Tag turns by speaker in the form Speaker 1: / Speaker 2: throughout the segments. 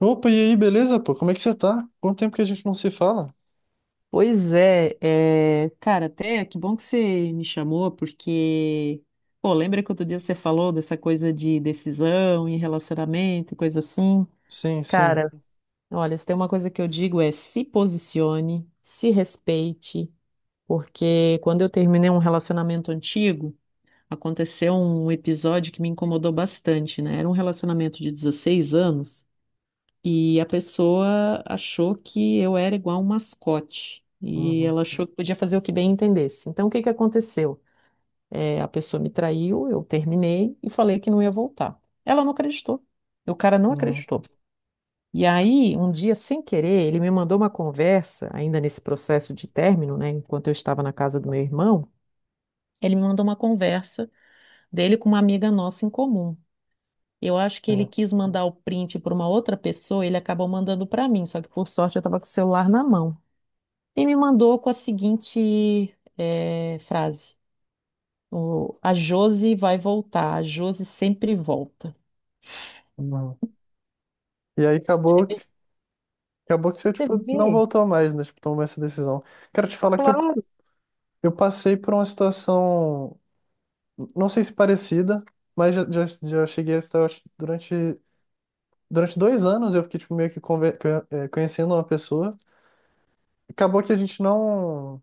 Speaker 1: Opa, e aí, beleza, pô? Como é que você tá? Quanto tempo que a gente não se fala?
Speaker 2: Pois é, cara, até que bom que você me chamou, porque, pô, lembra que outro dia você falou dessa coisa de decisão e relacionamento, e coisa assim?
Speaker 1: Sim, sim.
Speaker 2: Cara, olha, se tem uma coisa que eu digo é se posicione, se respeite, porque quando eu terminei um relacionamento antigo, aconteceu um episódio que me incomodou bastante, né? Era um relacionamento de 16 anos. E a pessoa achou que eu era igual um mascote. E
Speaker 1: Uhum,
Speaker 2: ela achou que podia fazer o que bem entendesse. Então, o que que aconteceu? É, a pessoa me traiu, eu terminei e falei que não ia voltar. Ela não acreditou. O cara não
Speaker 1: uhum,
Speaker 2: acreditou. E aí, um dia, sem querer, ele me mandou uma conversa, ainda nesse processo de término, né? Enquanto eu estava na casa do meu irmão, ele me mandou uma conversa dele com uma amiga nossa em comum. Eu acho que ele
Speaker 1: sim,
Speaker 2: quis mandar o print para uma outra pessoa, ele acabou mandando para mim, só que por sorte eu estava com o celular na mão. E me mandou com a seguinte frase: A Josi vai voltar, a Josi sempre volta.
Speaker 1: uhum. E aí
Speaker 2: Você
Speaker 1: acabou
Speaker 2: vê?
Speaker 1: que, acabou que você,
Speaker 2: Você
Speaker 1: tipo, não
Speaker 2: vê?
Speaker 1: voltou mais, né? Tipo, tomou essa decisão. Quero te falar que eu,
Speaker 2: Claro.
Speaker 1: eu passei por uma situação, não sei se parecida, mas já cheguei a estar, eu acho, durante 2 anos eu fiquei, tipo, meio que conhecendo uma pessoa. Acabou que a gente não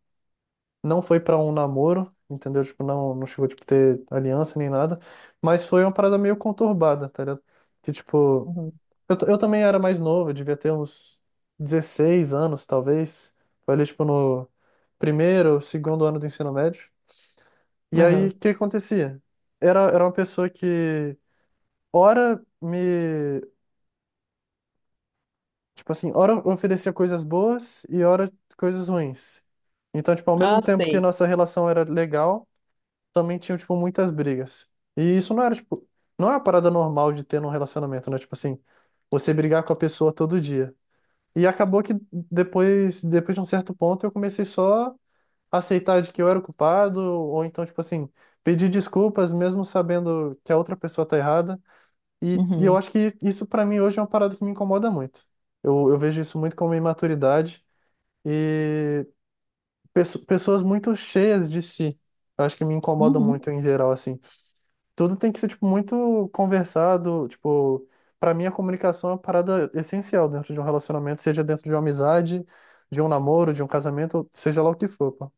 Speaker 1: não foi pra um namoro, entendeu? Tipo, não chegou, tipo, ter aliança nem nada, mas foi uma parada meio conturbada, tá ligado? Que, tipo,
Speaker 2: Uhum.
Speaker 1: eu também era mais novo, eu devia ter uns 16 anos, talvez, foi ali, tipo, no primeiro ou segundo ano do ensino médio, e aí,
Speaker 2: Aham.
Speaker 1: o que acontecia? Era uma pessoa que, ora, me... tipo assim, ora oferecia coisas boas e ora coisas ruins. Então, tipo, ao mesmo
Speaker 2: Ah,
Speaker 1: tempo que
Speaker 2: sei.
Speaker 1: nossa relação era legal, também tinham, tipo, muitas brigas. E isso não era, tipo, não é uma parada normal de ter num relacionamento, né? Tipo assim, você brigar com a pessoa todo dia. E acabou que depois de um certo ponto, eu comecei só a aceitar de que eu era o culpado, ou então, tipo assim, pedir desculpas, mesmo sabendo que a outra pessoa tá errada. E eu
Speaker 2: Uhum.
Speaker 1: acho que isso, pra mim, hoje é uma parada que me incomoda muito. Eu vejo isso muito como imaturidade e pessoas muito cheias de si. Eu acho que me incomodam
Speaker 2: Uhum.
Speaker 1: muito em geral, assim tudo tem que ser, tipo, muito conversado, tipo, para mim a comunicação é uma parada essencial dentro de um relacionamento, seja dentro de uma amizade, de um namoro, de um casamento, seja lá o que for, pô.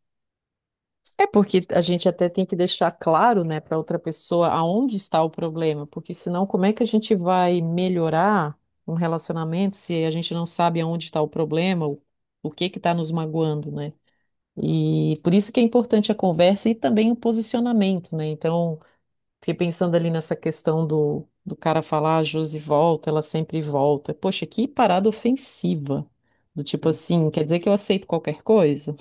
Speaker 2: É porque a gente até tem que deixar claro, né, para outra pessoa aonde está o problema, porque senão como é que a gente vai melhorar um relacionamento se a gente não sabe aonde está o problema, o que que está nos magoando, né? E por isso que é importante a conversa e também o posicionamento, né? Então, fiquei pensando ali nessa questão do cara falar, a Josi volta, ela sempre volta. Poxa, que parada ofensiva. Do tipo
Speaker 1: Sim.
Speaker 2: assim, quer dizer que eu aceito qualquer coisa?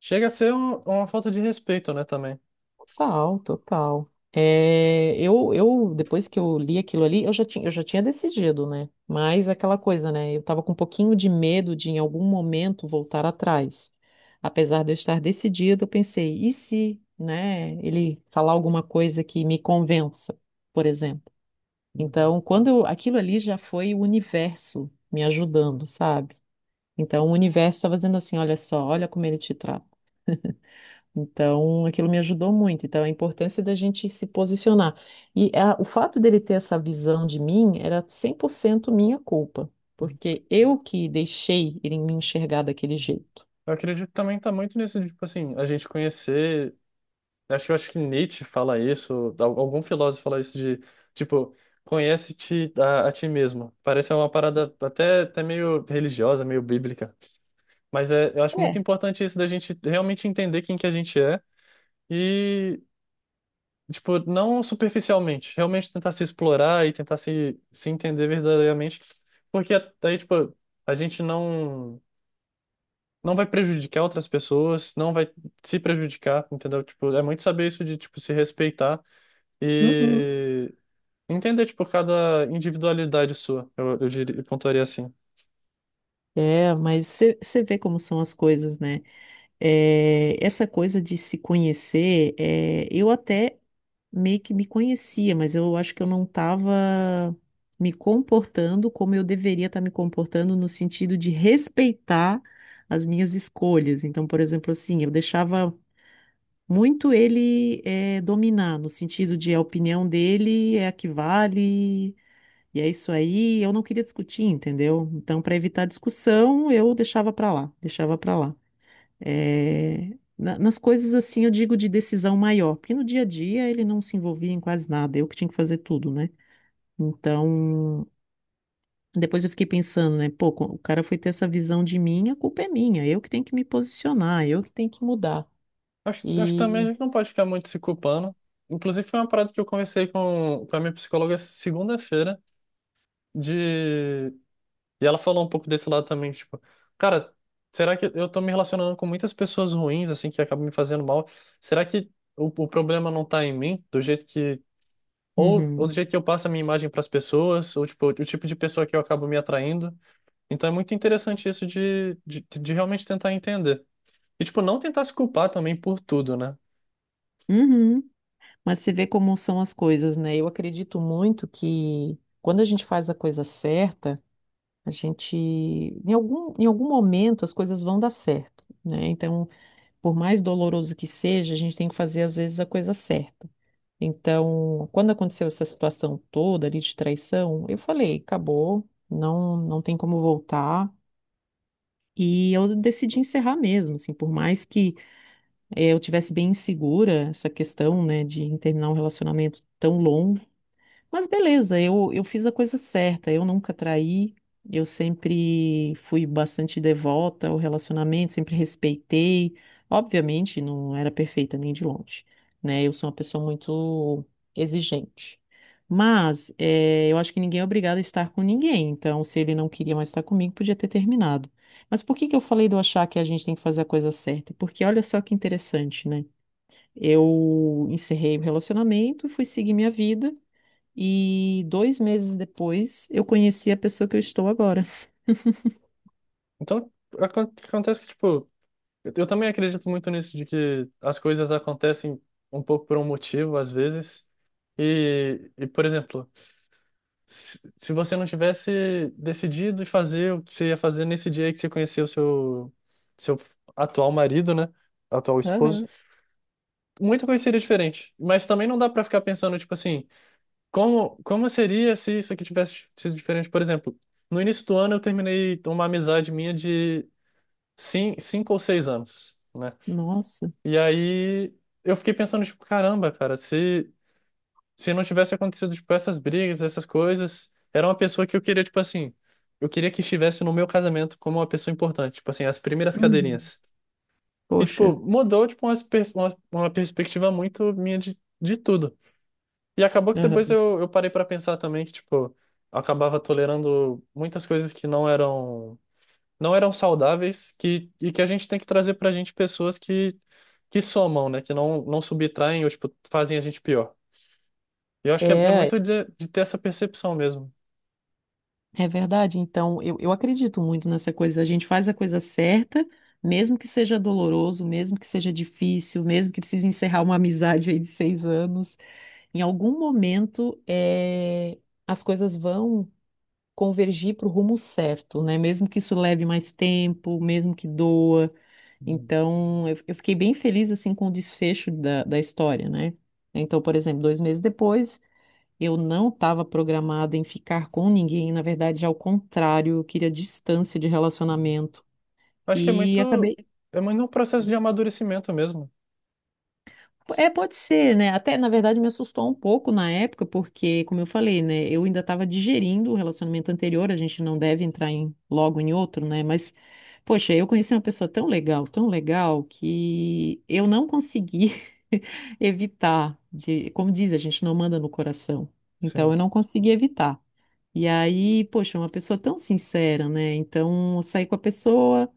Speaker 1: Chega a ser uma falta de respeito, né, também.
Speaker 2: Total, total. É, eu, depois que eu li aquilo ali, eu já tinha decidido, né? Mas é aquela coisa, né? Eu tava com um pouquinho de medo de, em algum momento, voltar atrás. Apesar de eu estar decidida, eu pensei, e se, né, ele falar alguma coisa que me convença, por exemplo?
Speaker 1: Uhum.
Speaker 2: Então, aquilo ali já foi o universo me ajudando, sabe? Então, o universo estava dizendo assim: olha só, olha como ele te trata. Então, aquilo me ajudou muito. Então, a importância da gente se posicionar. E o fato dele ter essa visão de mim era 100% minha culpa, porque eu que deixei ele me enxergar daquele jeito.
Speaker 1: Eu acredito que também tá muito nisso, de, tipo assim, a gente conhecer. Acho que eu acho que Nietzsche fala isso, algum filósofo fala isso de, tipo, conhece-te a ti mesmo. Parece uma parada até meio religiosa, meio bíblica. Mas é, eu acho muito
Speaker 2: É.
Speaker 1: importante isso da gente realmente entender quem que a gente é e, tipo, não superficialmente, realmente tentar se explorar e tentar se entender verdadeiramente, porque aí, tipo, a gente não vai prejudicar outras pessoas, não vai se prejudicar, entendeu? Tipo, é muito saber isso de, tipo, se respeitar
Speaker 2: Uhum.
Speaker 1: e entender, tipo, cada individualidade sua, eu diria, eu pontuaria assim.
Speaker 2: É, mas você vê como são as coisas, né? É, essa coisa de se conhecer, é, eu até meio que me conhecia, mas eu acho que eu não estava me comportando como eu deveria estar me comportando no sentido de respeitar as minhas escolhas. Então, por exemplo, assim, eu deixava muito ele dominar, no sentido de a opinião dele é a que vale, e é isso aí. Eu não queria discutir, entendeu? Então, para evitar discussão, eu deixava para lá, deixava para lá. É, nas coisas assim, eu digo de decisão maior, porque no dia a dia ele não se envolvia em quase nada, eu que tinha que fazer tudo, né? Então, depois eu fiquei pensando, né? Pô, o cara foi ter essa visão de mim, a culpa é minha, eu que tenho que me posicionar, eu que tenho que mudar.
Speaker 1: Acho que também a
Speaker 2: E.
Speaker 1: gente não pode ficar muito se culpando. Inclusive, foi uma parada que eu conversei com a minha psicóloga segunda-feira, de... e ela falou um pouco desse lado também, tipo, cara, será que eu tô me relacionando com muitas pessoas ruins, assim, que acabam me fazendo mal? Será que o problema não tá em mim, do jeito que... Ou
Speaker 2: Uhum,
Speaker 1: do jeito que eu passo a minha imagem pras pessoas, ou, tipo, o tipo de pessoa que eu acabo me atraindo? Então, é muito interessante isso de realmente tentar entender. E, tipo, não tentar se culpar também por tudo, né?
Speaker 2: uhum. Mas você vê como são as coisas, né? Eu acredito muito que quando a gente faz a coisa certa, a gente, em algum momento, as coisas vão dar certo, né? Então. Por mais doloroso que seja, a gente tem que fazer às vezes a coisa certa. Então, quando aconteceu essa situação toda ali de traição, eu falei, acabou, não tem como voltar. E eu decidi encerrar mesmo, assim, por mais que eu tivesse bem insegura essa questão, né, de terminar um relacionamento tão longo mas beleza, eu fiz a coisa certa, eu nunca traí, eu sempre fui bastante devota ao relacionamento, sempre respeitei. Obviamente, não era perfeita nem de longe, né? Eu sou uma pessoa muito exigente. Mas eu acho que ninguém é obrigado a estar com ninguém, então se ele não queria mais estar comigo, podia ter terminado. Mas por que que eu falei de eu achar que a gente tem que fazer a coisa certa? Porque olha só que interessante, né? Eu encerrei o relacionamento, fui seguir minha vida. E dois meses depois, eu conheci a pessoa que eu estou agora.
Speaker 1: Então, acontece que, tipo, eu também acredito muito nisso, de que as coisas acontecem um pouco por um motivo, às vezes. E por exemplo, se você não tivesse decidido fazer o que você ia fazer nesse dia aí que você conheceu seu atual marido, né? Atual esposo,
Speaker 2: Aham.
Speaker 1: muita coisa seria diferente. Mas também não dá pra ficar pensando, tipo assim, como seria se isso aqui tivesse sido diferente? Por exemplo, no início do ano eu terminei uma amizade minha de sim 5 ou 6 anos, né?
Speaker 2: Nossa.
Speaker 1: E aí eu fiquei pensando, tipo, caramba, cara, se não tivesse acontecido, tipo, essas brigas, essas coisas, era uma pessoa que eu queria, tipo assim, eu queria que estivesse no meu casamento como uma pessoa importante, tipo assim, as primeiras
Speaker 2: Uhum.
Speaker 1: cadeirinhas. E, tipo,
Speaker 2: Poxa.
Speaker 1: mudou, tipo, uma perspectiva muito minha de tudo. E acabou que depois
Speaker 2: Aham.
Speaker 1: eu parei pra pensar também que, tipo, eu acabava tolerando muitas coisas que não eram saudáveis que, e que a gente tem que trazer pra gente pessoas que, somam, né? Que não subtraem ou, tipo, fazem a gente pior. E eu acho que é
Speaker 2: É,
Speaker 1: muito de ter essa percepção mesmo.
Speaker 2: é verdade. Então, eu acredito muito nessa coisa. A gente faz a coisa certa, mesmo que seja doloroso, mesmo que seja difícil, mesmo que precise encerrar uma amizade aí de seis anos. Em algum momento, é, as coisas vão convergir para o rumo certo, né? Mesmo que isso leve mais tempo, mesmo que doa.
Speaker 1: Uhum.
Speaker 2: Então, eu fiquei bem feliz, assim, com o desfecho da história, né? Então, por exemplo, dois meses depois, eu não estava programada em ficar com ninguém, na verdade, ao contrário, eu queria distância de relacionamento.
Speaker 1: Acho que é
Speaker 2: E
Speaker 1: muito,
Speaker 2: acabei
Speaker 1: é muito um processo de amadurecimento mesmo.
Speaker 2: É, pode ser, né? Até, na verdade, me assustou um pouco na época, porque, como eu falei, né? Eu ainda estava digerindo o relacionamento anterior, a gente não deve entrar em, logo em outro, né? Mas, poxa, eu conheci uma pessoa tão legal, que eu não consegui evitar de, como diz, a gente não manda no coração. Então,
Speaker 1: Sim.
Speaker 2: eu não consegui evitar. E aí, poxa, uma pessoa tão sincera, né? Então, eu saí com a pessoa,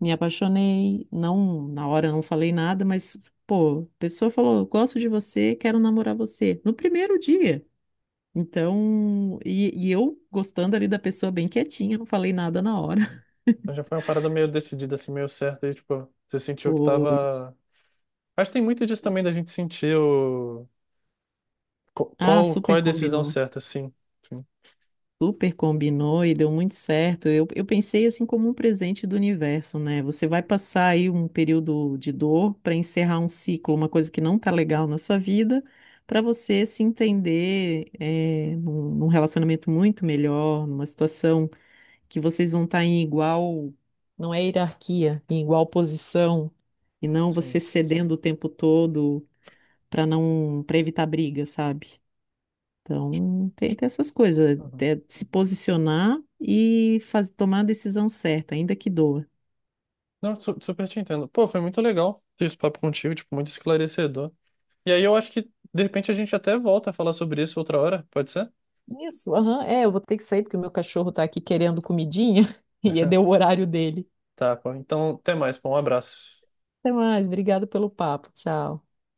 Speaker 2: me apaixonei, não, na hora eu não falei nada, mas, pô, a pessoa falou, gosto de você, quero namorar você, no primeiro dia. Então, e eu gostando ali da pessoa bem quietinha, não falei nada na hora.
Speaker 1: Então já foi uma parada meio decidida, assim, meio certa. E, tipo, você sentiu que
Speaker 2: Foi.
Speaker 1: tava... Acho que tem muito disso também da gente sentir o... co-
Speaker 2: Ah,
Speaker 1: Qual, qual
Speaker 2: super
Speaker 1: é a decisão
Speaker 2: combinou.
Speaker 1: certa, sim. Sim.
Speaker 2: Super combinou e deu muito certo. Eu eu pensei assim como um presente do universo, né? Você vai passar aí um período de dor para encerrar um ciclo, uma coisa que não tá legal na sua vida, para você se entender num relacionamento muito melhor, numa situação que vocês vão estar em igual, não é hierarquia, em igual posição, e não você
Speaker 1: Sim.
Speaker 2: cedendo o tempo todo para não, para evitar briga, sabe? Então, tem essas coisas,
Speaker 1: Uhum.
Speaker 2: é se posicionar e tomar a decisão certa, ainda que doa.
Speaker 1: Não, super te entendo. Pô, foi muito legal ter esse papo contigo, tipo, muito esclarecedor. E aí eu acho que, de repente, a gente até volta a falar sobre isso outra hora, pode ser?
Speaker 2: Isso, aham, é, eu vou ter que sair porque o meu cachorro tá aqui querendo comidinha e deu o horário dele.
Speaker 1: Tá, pô. Então, até mais, pô. Um abraço.
Speaker 2: Até mais, obrigada pelo papo, tchau.